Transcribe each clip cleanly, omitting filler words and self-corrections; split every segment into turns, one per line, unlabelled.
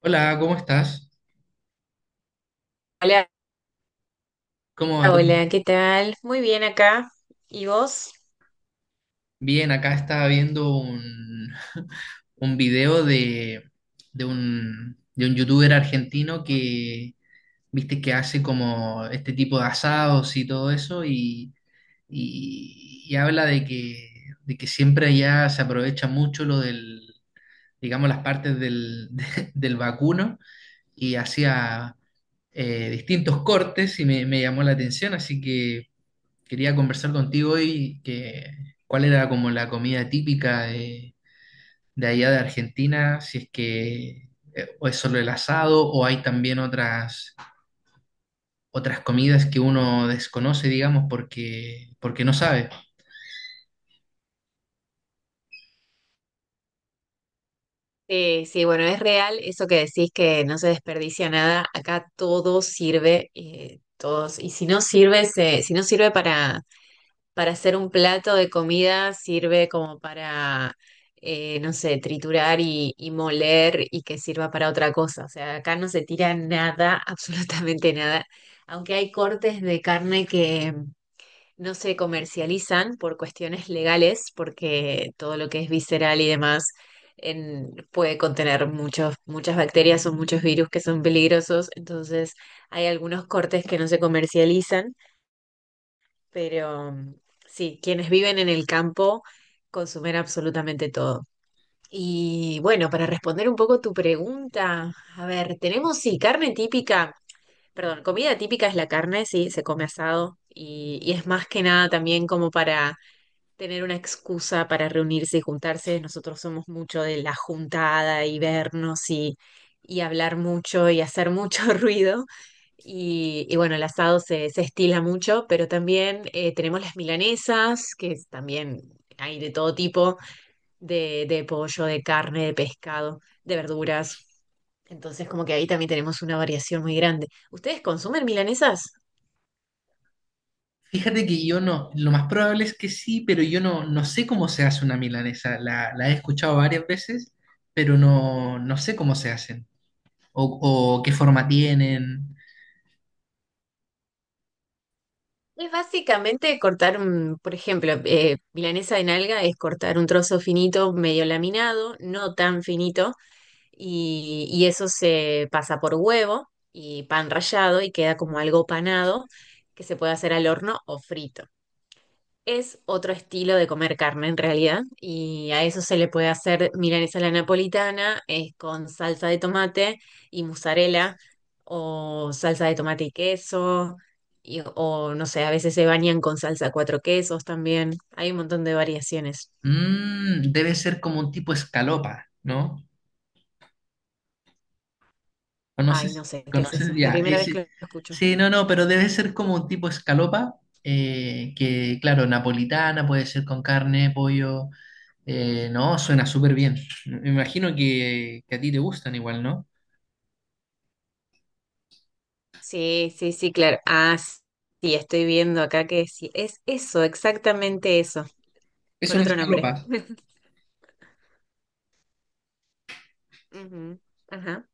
Hola, ¿cómo estás?
Hola,
¿Cómo va todo?
hola, ¿qué tal? Muy bien acá. ¿Y vos?
Bien, acá estaba viendo un video de un youtuber argentino que, viste, que hace como este tipo de asados y todo eso y, y habla de que siempre allá se aprovecha mucho lo del, digamos, las partes del, del vacuno y hacía distintos cortes y me llamó la atención, así que... Quería conversar contigo hoy que cuál era como la comida típica de allá de Argentina, si es que o es solo el asado o hay también otras, otras comidas que uno desconoce, digamos, porque, porque no sabe.
Sí, sí, bueno, es real eso que decís que no se desperdicia nada. Acá todo sirve, todos. Y si no sirve, si no sirve para hacer un plato de comida, sirve como para, no sé, triturar y moler y que sirva para otra cosa. O sea, acá no se tira nada, absolutamente nada. Aunque hay cortes de carne no se comercializan por cuestiones legales, porque todo lo que es visceral y demás puede contener muchas bacterias o muchos virus que son peligrosos. Entonces, hay algunos cortes que no se comercializan, pero sí, quienes viven en el campo consumen absolutamente todo. Y bueno, para responder un poco tu pregunta, a ver, tenemos sí, carne típica. Perdón, comida típica es la carne, sí, se come asado y es más que nada también como para tener una excusa para reunirse y juntarse. Nosotros somos mucho de la juntada y vernos y hablar mucho y hacer mucho ruido. Y bueno, el asado se, se estila mucho, pero también tenemos las milanesas, también hay de todo tipo, de pollo, de carne, de pescado, de verduras. Entonces, como que ahí también tenemos una variación muy grande. ¿Ustedes consumen milanesas?
Fíjate que yo no, lo más probable es que sí, pero yo no, no sé cómo se hace una milanesa. La he escuchado varias veces, pero no, no sé cómo se hacen o, o qué forma tienen.
Es básicamente cortar un, por ejemplo, milanesa de nalga es cortar un trozo finito, medio laminado, no tan finito, y eso se pasa por huevo y pan rallado y queda como algo panado que se puede hacer al horno o frito. Es otro estilo de comer carne en realidad, y a eso se le puede hacer milanesa a la napolitana, es con salsa de tomate y mozzarella, o salsa de tomate y queso, o no sé, a veces se bañan con salsa de cuatro quesos también. Hay un montón de variaciones.
Mm, debe ser como un tipo escalopa, ¿no?
Ay, no
¿Conoces?
sé, ¿qué es
¿Conoces?
eso? Es la
Ya,
primera vez que
ese.
lo escucho.
Sí, no, no, pero debe ser como un tipo escalopa, que claro, napolitana, puede ser con carne, pollo. No, suena súper bien. Me imagino que a ti te gustan igual, ¿no?
Sí, sí, sí, claro. Ah, sí, estoy viendo acá que sí, es eso, exactamente eso,
Es
con
una
otro nombre.
escalopa.
Ujú, ajá.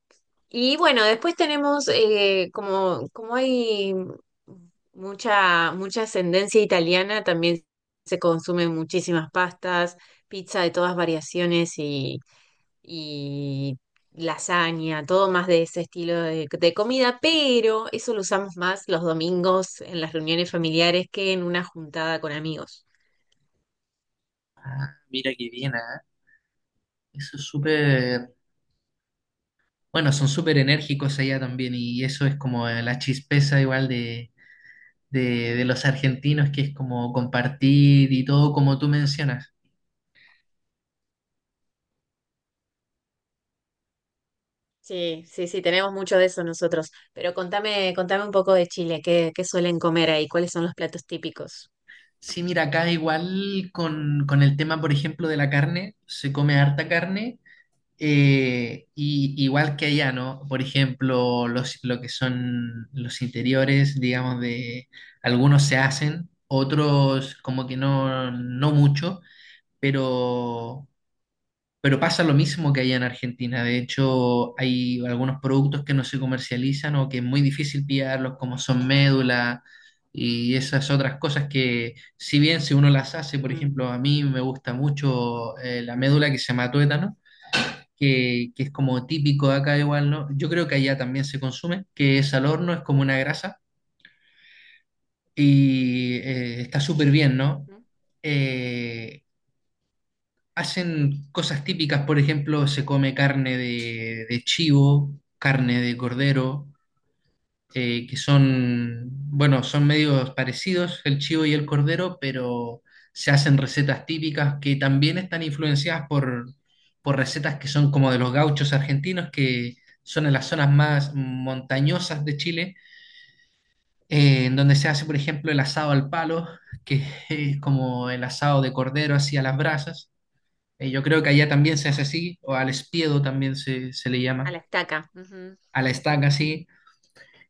Y bueno, después tenemos, como, como hay mucha, mucha ascendencia italiana, también se consumen muchísimas pastas, pizza de todas variaciones y lasaña, todo más de ese estilo de comida, pero eso lo usamos más los domingos en las reuniones familiares que en una juntada con amigos.
Mira qué bien, ¿ah? Eso es súper. Bueno, son súper enérgicos allá también, y eso es como la chispeza igual de los argentinos, que es como compartir y todo como tú mencionas.
Sí, sí, sí, tenemos mucho de eso nosotros. Pero contame, contame un poco de Chile, ¿qué, qué suelen comer ahí? ¿Cuáles son los platos típicos?
Sí, mira, acá igual con el tema, por ejemplo, de la carne, se come harta carne, y igual que allá, ¿no? Por ejemplo, los, lo que son los interiores, digamos, de algunos se hacen, otros como que no, no mucho, pero pero pasa lo mismo que allá en Argentina. De hecho, hay algunos productos que no se comercializan o que es muy difícil pillarlos, como son médula y esas otras cosas que, si bien si uno las hace, por ejemplo, a mí me gusta mucho la médula que se llama tuétano, que es como típico de acá igual, ¿no? Yo creo que allá también se consume, que es al horno, es como una grasa y está súper bien, ¿no?
Mm,
Eh, Hacen cosas típicas, por ejemplo, se come carne de chivo, carne de cordero, que son, bueno, son medios parecidos el chivo y el cordero, pero se hacen recetas típicas que también están influenciadas por recetas que son como de los gauchos argentinos, que son en las zonas más montañosas de Chile, en donde se hace, por ejemplo, el asado al palo,
mm.
que es como el asado de cordero así a las brasas yo creo que allá también se
Sí.
hace así, o al espiedo también se le
A
llama,
la estaca. Ujú.
a la estaca así.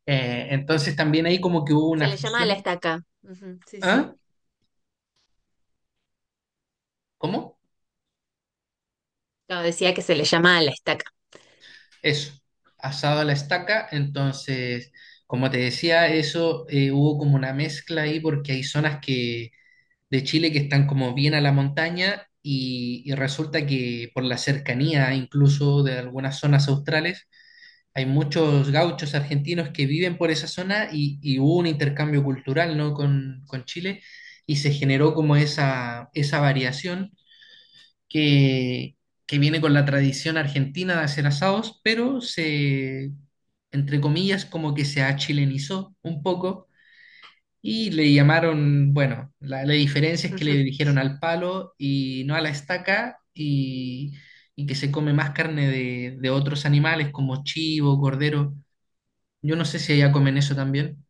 Entonces también ahí como que hubo
Se
una
le llama a la
fusión.
estaca. Ujú, sí, sí.
¿Ah? ¿Cómo?
No, decía que se le llama a la estaca.
Eso, asado a la estaca. Entonces, como te decía, eso hubo como una mezcla ahí porque hay zonas que, de Chile que están como bien a la montaña y resulta que por la cercanía incluso de algunas zonas australes hay muchos gauchos argentinos que viven por esa zona y hubo un intercambio cultural, ¿no?, con Chile y se generó como esa variación que, que viene con la tradición argentina de hacer asados, pero se, entre comillas, como que se achilenizó un poco y le llamaron, bueno, la diferencia es que le dirigieron al palo y no a la estaca y que se come más carne de otros animales como chivo, cordero. Yo no sé si allá comen eso también.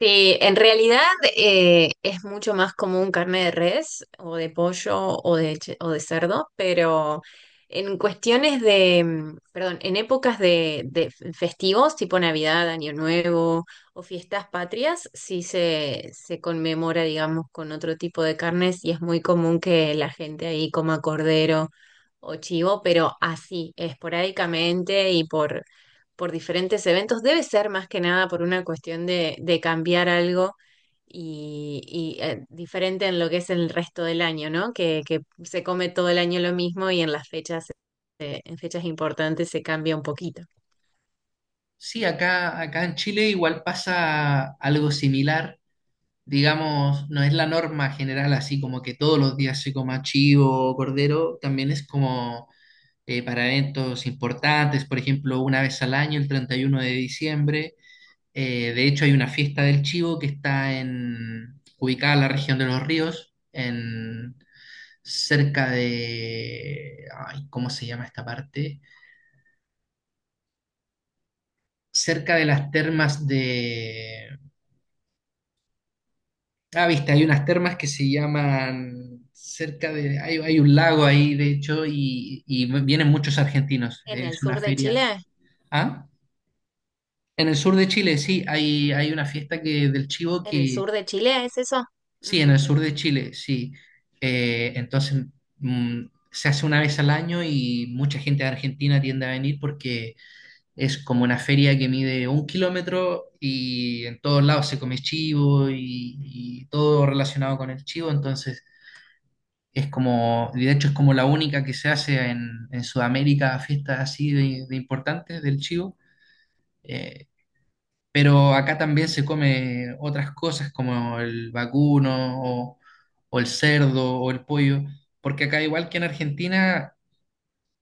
Sí, en realidad es mucho más común carne de res o de pollo o de, o de cerdo, pero en cuestiones de, perdón, en épocas de festivos tipo Navidad, Año Nuevo o fiestas patrias, sí se conmemora, digamos, con otro tipo de carnes y es muy común que la gente ahí coma cordero o chivo, pero así, esporádicamente y por diferentes eventos. Debe ser más que nada por una cuestión de cambiar algo y, diferente en lo que es el resto del año, ¿no? Que se come todo el año lo mismo y en las fechas, en fechas importantes se cambia un poquito.
Sí, acá, acá en Chile igual pasa algo similar. Digamos, no es la norma general así como que todos los días se coma chivo o cordero. También es como para eventos importantes, por ejemplo, una vez al año, el 31 de diciembre. De hecho, hay una fiesta del chivo que está en, ubicada en la región de Los Ríos, en, cerca de... Ay, ¿cómo se llama esta parte? Cerca de las termas de... Ah, viste, hay unas termas que se llaman cerca de... Hay un lago ahí, de hecho, y vienen muchos argentinos.
En el
Es una
sur de
feria.
Chile,
¿Ah? En el sur de Chile, sí, hay una fiesta que, del chivo
en el
que...
sur de Chile, ¿es eso?
Sí, en el
Ujú.
sur de Chile, sí. Entonces, mm, se hace una vez al año y mucha gente de Argentina tiende a venir porque es como una feria que mide 1 kilómetro y en todos lados se come chivo y todo relacionado con el chivo. Entonces es como, y de hecho es como la única que se hace en Sudamérica, fiestas así de importantes del chivo. Eh, pero acá también se come otras cosas como el vacuno o el cerdo o el pollo, porque acá igual que en Argentina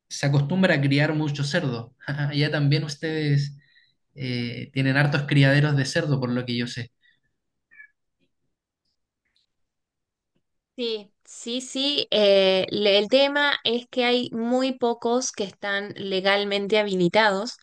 se acostumbra a criar mucho cerdo. Allá también ustedes tienen hartos criaderos de cerdo, por lo que yo sé.
Sí, sí, sí. Le- el tema es que hay muy pocos que están legalmente habilitados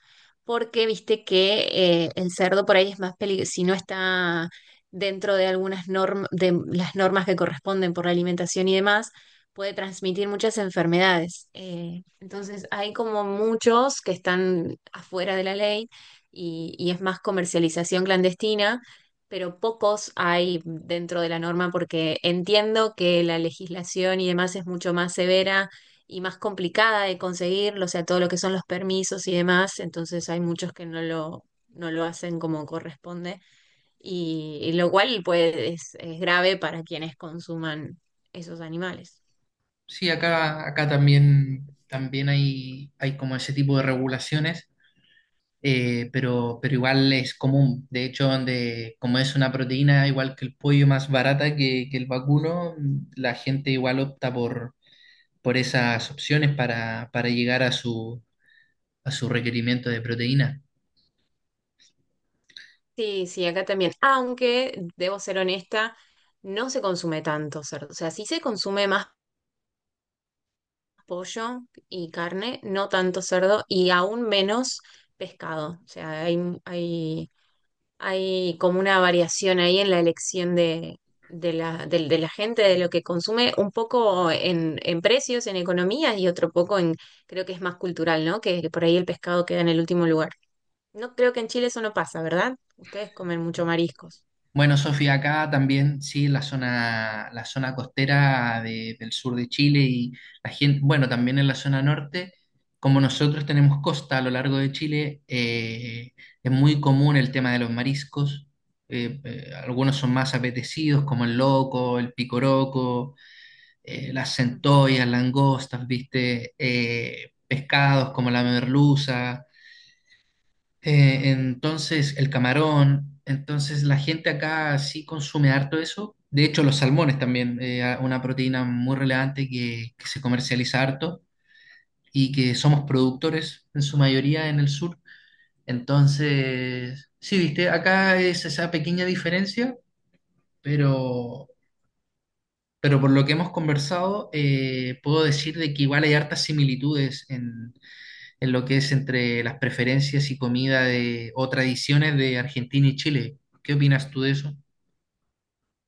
porque viste que el cerdo por ahí es más peligroso si no está dentro de algunas normas, de las normas que corresponden por la alimentación y demás, puede transmitir muchas enfermedades. Entonces hay como muchos que están afuera de la ley y es más comercialización clandestina pero pocos hay dentro de la norma porque entiendo que la legislación y demás es mucho más severa y más complicada de conseguir, o sea, todo lo que son los permisos y demás, entonces hay muchos que no lo, no lo hacen como corresponde y lo cual pues es grave para quienes consuman esos animales.
Sí, acá, acá también, también hay como ese tipo de regulaciones, pero igual es común. De hecho, donde, como es una proteína igual que el pollo más barata que el vacuno, la gente igual opta por esas opciones para llegar a su requerimiento de proteína.
Sí, sí, acá también, aunque debo ser honesta, no se consume tanto cerdo, o sea, sí se consume más pollo y carne, no tanto cerdo y aún menos pescado. O sea, hay, hay como una variación ahí en la elección de la gente, de lo que consume, un poco en precios, en economías y otro poco en, creo que es más cultural, ¿no? Que por ahí el pescado queda en el último lugar. No creo que en Chile eso no pasa, ¿verdad? Ustedes comen mucho mariscos.
Bueno, Sofía, acá también, sí, la zona costera del sur de Chile y la gente, bueno, también en la zona norte, como nosotros tenemos costa a lo largo de Chile, es muy común el tema de los mariscos. Algunos son más apetecidos, como el loco, el picoroco, las
Ujú.
centollas, langostas, viste. Pescados como la merluza. Entonces, el camarón, entonces la gente acá sí consume harto eso. De hecho, los salmones también, una proteína muy relevante que se comercializa harto y que somos productores en su mayoría en el sur. Entonces, sí, viste, acá es esa pequeña diferencia, pero, pero por lo que hemos conversado, puedo decir de que igual hay hartas similitudes en lo que es entre las preferencias y comida de, o tradiciones de Argentina y Chile. ¿Qué opinas tú de eso?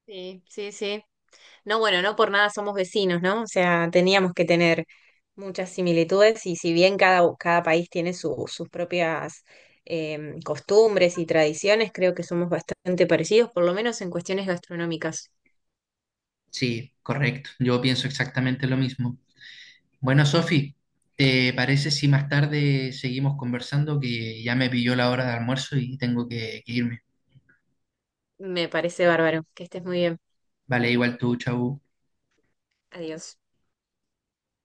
Sí, sí, sí. No, bueno, no por nada somos vecinos, ¿no? O sea, teníamos que tener muchas similitudes y si bien cada, cada país tiene sus propias costumbres y tradiciones, creo que somos bastante parecidos, por lo menos en cuestiones gastronómicas.
Sí, correcto. Yo pienso exactamente lo mismo. Bueno, Sofi, ¿te parece si más tarde seguimos conversando? Que ya me pilló la hora de almuerzo y tengo que irme.
Me parece bárbaro. Que estés muy bien.
Vale, igual tú, chau.
Adiós.